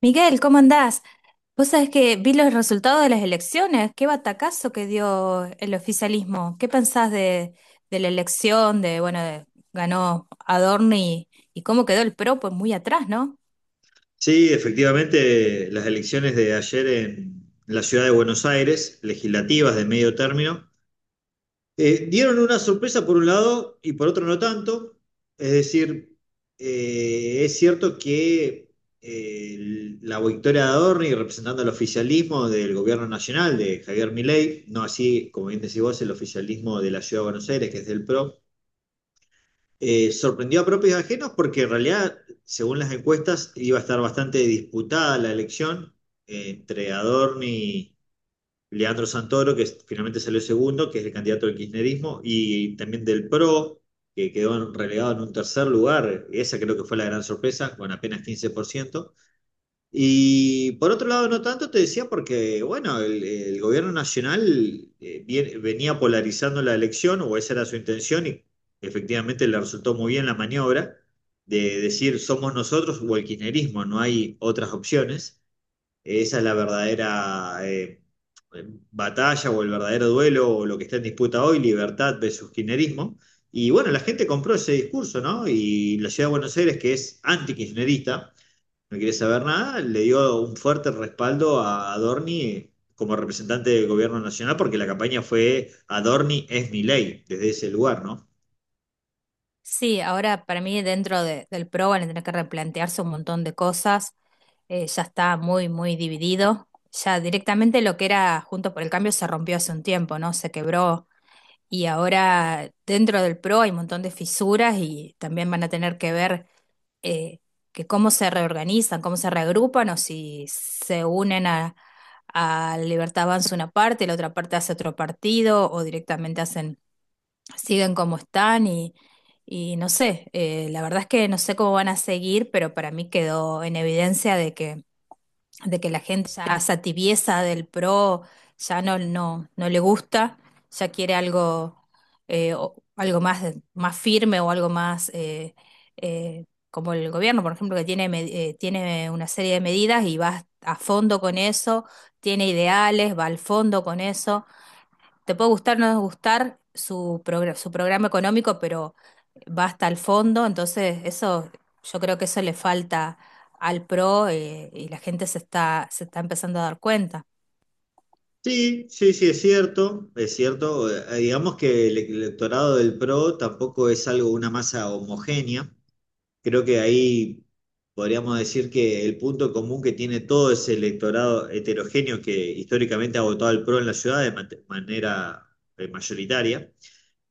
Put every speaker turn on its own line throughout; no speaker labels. Miguel, ¿cómo andás? Vos sabés que vi los resultados de las elecciones, qué batacazo que dio el oficialismo. ¿Qué pensás de la elección, de, bueno, ganó Adorno y cómo quedó el PRO? Pues muy atrás, ¿no?
Sí, efectivamente, las elecciones de ayer en la ciudad de Buenos Aires, legislativas de medio término, dieron una sorpresa por un lado y por otro no tanto. Es decir, es cierto que la victoria de Adorni representando el oficialismo del gobierno nacional de Javier Milei, no así, como bien decís vos, el oficialismo de la ciudad de Buenos Aires, que es del PRO, sorprendió a propios y ajenos porque en realidad, según las encuestas, iba a estar bastante disputada la elección entre Adorni y Leandro Santoro, finalmente salió segundo, que es el candidato del kirchnerismo, y también del PRO, que quedó relegado en un tercer lugar. Esa creo que fue la gran sorpresa, con apenas 15%. Y por otro lado, no tanto te decía porque, bueno, el gobierno nacional venía polarizando la elección, o esa era su intención, y efectivamente le resultó muy bien la maniobra de decir somos nosotros o el kirchnerismo, no hay otras opciones. Esa es la verdadera batalla o el verdadero duelo o lo que está en disputa hoy, libertad versus kirchnerismo. Y bueno, la gente compró ese discurso, ¿no? Y la ciudad de Buenos Aires, que es anti-kirchnerista, no quiere saber nada, le dio un fuerte respaldo a Adorni como representante del gobierno nacional, porque la campaña fue Adorni es mi ley, desde ese lugar, ¿no?
Sí, ahora para mí del PRO van a tener que replantearse un montón de cosas. Ya está muy dividido. Ya directamente lo que era Juntos por el Cambio se rompió hace un tiempo, ¿no? Se quebró. Y ahora dentro del PRO hay un montón de fisuras y también van a tener que ver eh, que cómo se reorganizan, cómo se reagrupan o si se unen a Libertad Avanza una parte, la otra parte hace otro partido o directamente hacen, siguen como están y no sé, la verdad es que no sé cómo van a seguir, pero para mí quedó en evidencia de que la gente ya esa tibieza del pro ya no le gusta, ya quiere algo, algo más, más firme o algo más eh, como el gobierno, por ejemplo, que tiene una serie de medidas y va a fondo con eso, tiene ideales, va al fondo con eso. Te puede gustar o no gustar su programa económico, pero va hasta el fondo, entonces eso, yo creo que eso le falta al PRO , y la gente se está empezando a dar cuenta.
Sí, sí, sí, es cierto, es cierto. Digamos que el electorado del PRO tampoco es algo, una masa homogénea. Creo que ahí podríamos decir que el punto común que tiene todo ese electorado heterogéneo que históricamente ha votado al PRO en la ciudad de manera mayoritaria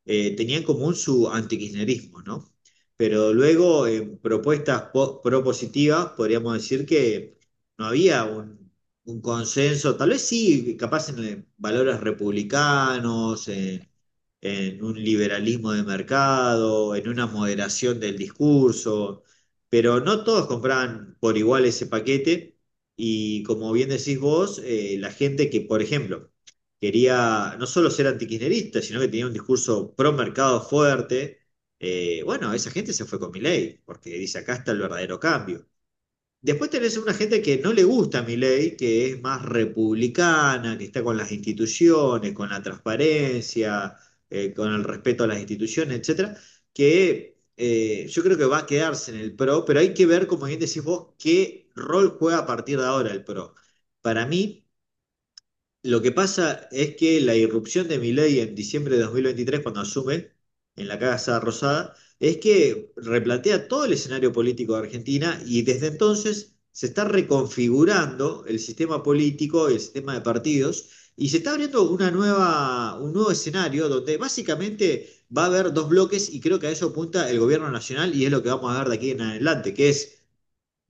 tenía en común su antikirchnerismo, ¿no? Pero luego, en propuestas propositivas, podríamos decir que no había un consenso, tal vez sí, capaz en valores republicanos, en un liberalismo de mercado, en una moderación del discurso, pero no todos compraban por igual ese paquete. Y como bien decís vos, la gente que, por ejemplo, quería no solo ser antikirchnerista, sino que tenía un discurso pro mercado fuerte. Bueno, esa gente se fue con Milei, porque dice, acá está el verdadero cambio. Después tenés una gente que no le gusta Milei, que es más republicana, que está con las instituciones, con la transparencia, con el respeto a las instituciones, etcétera, que yo creo que va a quedarse en el PRO, pero hay que ver, como bien decís vos, qué rol juega a partir de ahora el PRO. Para mí, lo que pasa es que la irrupción de Milei en diciembre de 2023, cuando asume en la Casa Rosada, es que replantea todo el escenario político de Argentina y desde entonces se está reconfigurando el sistema político, el sistema de partidos, y se está abriendo una nueva, un nuevo escenario donde básicamente va a haber dos bloques y creo que a eso apunta el gobierno nacional y es lo que vamos a ver de aquí en adelante, que es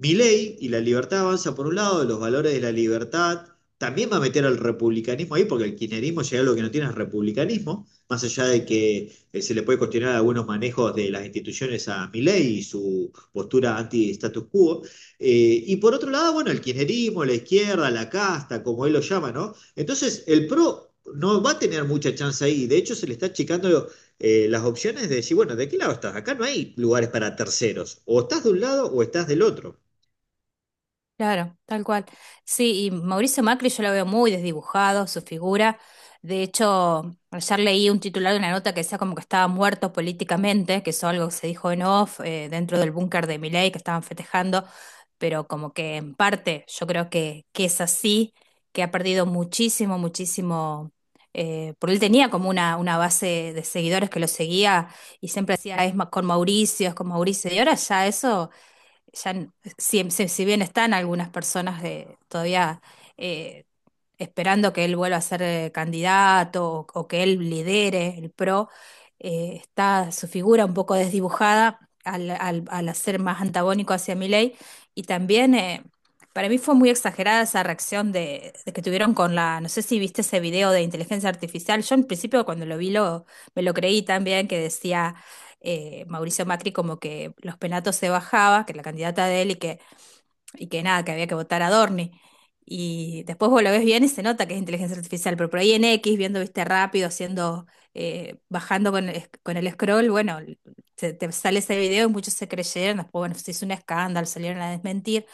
Milei y la Libertad Avanza por un lado, los valores de la libertad, también va a meter al republicanismo ahí, porque el kirchnerismo llega a lo que no tiene es republicanismo, más allá de que se le puede cuestionar algunos manejos de las instituciones a Milei y su postura anti-status quo. Y por otro lado, bueno, el kirchnerismo, la izquierda, la casta, como él lo llama, ¿no? Entonces, el PRO no va a tener mucha chance ahí, de hecho se le está achicando las opciones de decir, bueno, ¿de qué lado estás? Acá no hay lugares para terceros, o estás de un lado o estás del otro.
Claro, tal cual. Sí, y Mauricio Macri yo lo veo muy desdibujado, su figura. De hecho, ayer leí un titular de una nota que decía como que estaba muerto políticamente, que eso algo que se dijo en off, dentro del búnker de Milei, que estaban festejando, pero como que en parte yo creo que es así, que ha perdido muchísimo, muchísimo, porque él tenía como una base de seguidores que lo seguía y siempre decía, con Mauricio, es con Mauricio, y ahora ya eso ya, n- si bien están algunas personas de, todavía eh, esperando que él vuelva a ser candidato o que él lidere el PRO, está su figura un poco desdibujada al hacer más antagónico hacia Milei. Y también para mí fue muy exagerada esa reacción de que tuvieron con la, no sé si viste ese video de inteligencia artificial. Yo en principio cuando lo vi, me lo creí también que decía... Mauricio Macri como que los penatos se bajaba, que la candidata de él y que nada, que había que votar a Dorni. Y después vos lo ves bien y se nota que es inteligencia artificial, pero por ahí en X, viendo, viste, rápido, haciendo, bajando con el scroll, bueno, te sale ese video y muchos se creyeron, después, bueno, se hizo un escándalo, salieron a desmentir,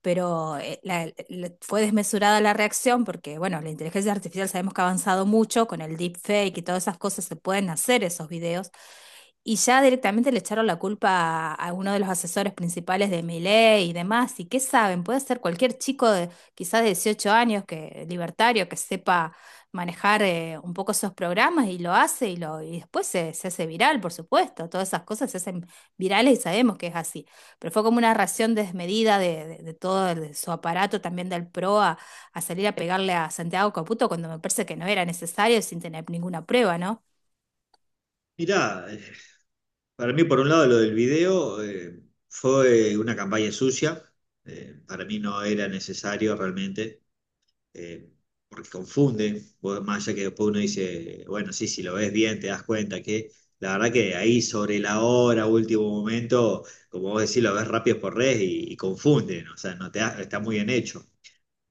pero fue desmesurada la reacción porque, bueno, la inteligencia artificial sabemos que ha avanzado mucho con el deepfake y todas esas cosas, se pueden hacer esos videos, y ya directamente le echaron la culpa a uno de los asesores principales de Milei y demás. ¿Y qué saben? Puede ser cualquier chico de quizás de 18 años, que libertario, que sepa manejar un poco esos programas y lo hace y después se hace viral, por supuesto. Todas esas cosas se hacen virales y sabemos que es así. Pero fue como una ración desmedida de todo de su aparato, también del PRO, a salir a pegarle a Santiago Caputo cuando me parece que no era necesario sin tener ninguna prueba, ¿no?
Mirá, para mí por un lado lo del video fue una campaña sucia, para mí no era necesario realmente, eh, porque confunde, más allá que después uno dice, bueno, sí, si lo ves bien te das cuenta que la verdad que ahí sobre la hora, último momento, como vos decís, lo ves rápido por red y confunde, ¿no? O sea, no te da- está muy bien hecho.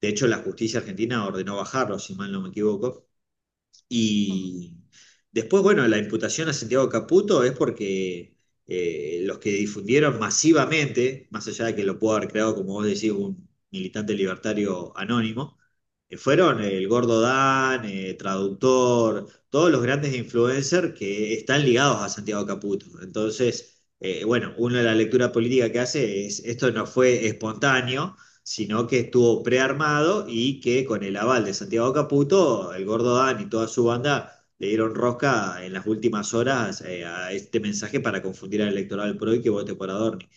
De hecho, la justicia argentina ordenó bajarlo, si mal no me equivoco, y después, bueno, la imputación a Santiago Caputo es porque los que difundieron masivamente, más allá de que lo pudo haber creado, como vos decís, un militante libertario anónimo, fueron el Gordo Dan, Traductor, todos los grandes influencers que están ligados a Santiago Caputo. Entonces, bueno, una de la lectura política que hace es, esto no fue espontáneo sino que estuvo prearmado y que con el aval de Santiago Caputo, el gordo Dan y toda su banda le dieron rosca en las últimas horas a este mensaje para confundir al electorado del PRO y que vote por Adorni.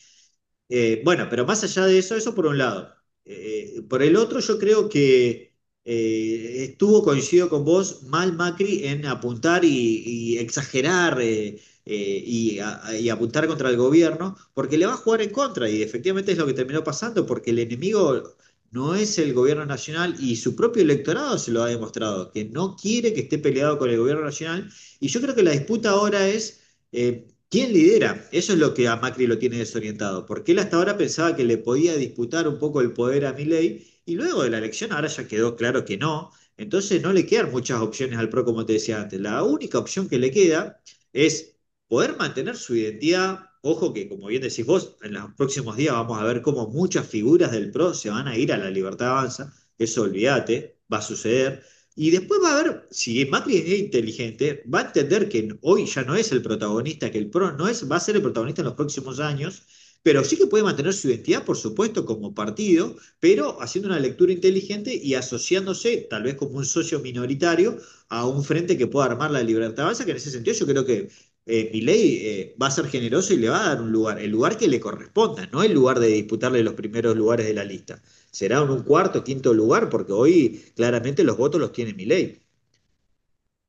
Bueno, pero más allá de eso, eso por un lado. Por el otro, yo creo que estuvo, coincido con vos, mal Macri en apuntar y exagerar y apuntar contra el gobierno, porque le va a jugar en contra y efectivamente es lo que terminó pasando, porque el enemigo no es el gobierno nacional y su propio electorado se lo ha demostrado, que no quiere que esté peleado con el gobierno nacional. Y yo creo que la disputa ahora es... eh, ¿Quién lidera? Eso es lo que a Macri lo tiene desorientado, porque él hasta ahora pensaba que le podía disputar un poco el poder a Milei y luego de la elección ahora ya quedó claro que no, entonces no le quedan muchas opciones al PRO como te decía antes. La única opción que le queda es poder mantener su identidad. Ojo que, como bien decís vos, en los próximos días vamos a ver cómo muchas figuras del PRO se van a ir a la Libertad Avanza, eso olvídate, va a suceder y después va a ver, si Macri es inteligente, va a entender que hoy ya no es el protagonista, que el PRO no es, va a ser el protagonista en los próximos años, pero sí que puede mantener su identidad, por supuesto, como partido, pero haciendo una lectura inteligente y asociándose, tal vez como un socio minoritario, a un frente que pueda armar la libertad básica, que en ese sentido yo creo que Milei va a ser generoso y le va a dar un lugar, el lugar que le corresponda, no el lugar de disputarle los primeros lugares de la lista será en un cuarto, quinto lugar, porque hoy claramente los votos los tiene Milei.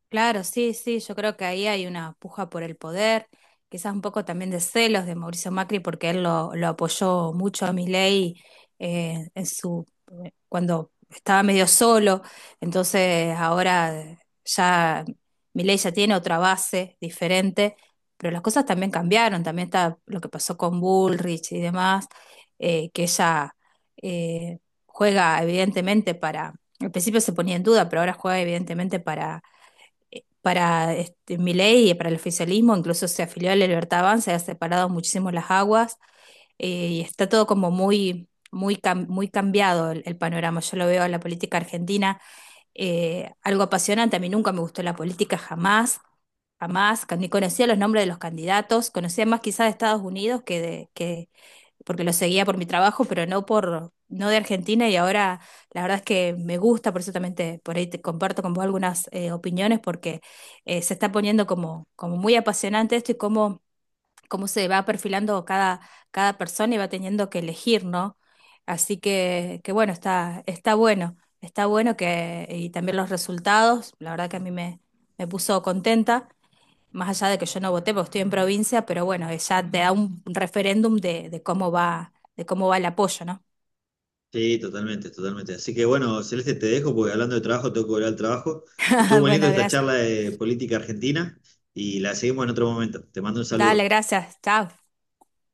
Claro, sí, sí, yo creo que ahí hay una puja por el poder, quizás un poco también de celos de Mauricio Macri, porque él lo apoyó mucho a Milei eh, en su, cuando estaba medio solo, entonces ahora ya Milei ya tiene otra base diferente, pero las cosas también cambiaron, también está lo que pasó con Bullrich y demás, que ella eh, juega evidentemente para, al principio se ponía en duda, pero ahora juega evidentemente para este, Milei y para el oficialismo, incluso se afilió a la Libertad Avanza, ha separado muchísimo las aguas, y está todo como muy cambiado el panorama. Yo lo veo en la política argentina, algo apasionante. A mí nunca me gustó la política, jamás, jamás. Ni conocía los nombres de los candidatos, conocía más quizás de Estados Unidos que de, que porque lo seguía por mi trabajo, pero no de Argentina, y ahora la verdad es que me gusta, por eso también por ahí te comparto con vos algunas opiniones, porque se está poniendo como, como muy apasionante esto y cómo se va perfilando cada persona y va teniendo que elegir, ¿no? Así que bueno, está bueno, está bueno que, y también los resultados, la verdad que a me puso contenta más allá de que yo no voté porque estoy en provincia, pero bueno, ya te da un referéndum de cómo va el apoyo, ¿no?
Sí, totalmente, totalmente. Así que bueno, Celeste, te dejo porque hablando de trabajo tengo que volver al trabajo. Estuvo muy lindo
Bueno,
esta
gracias.
charla de política argentina y la seguimos en otro momento. Te mando un
Dale,
saludo.
gracias. Chao.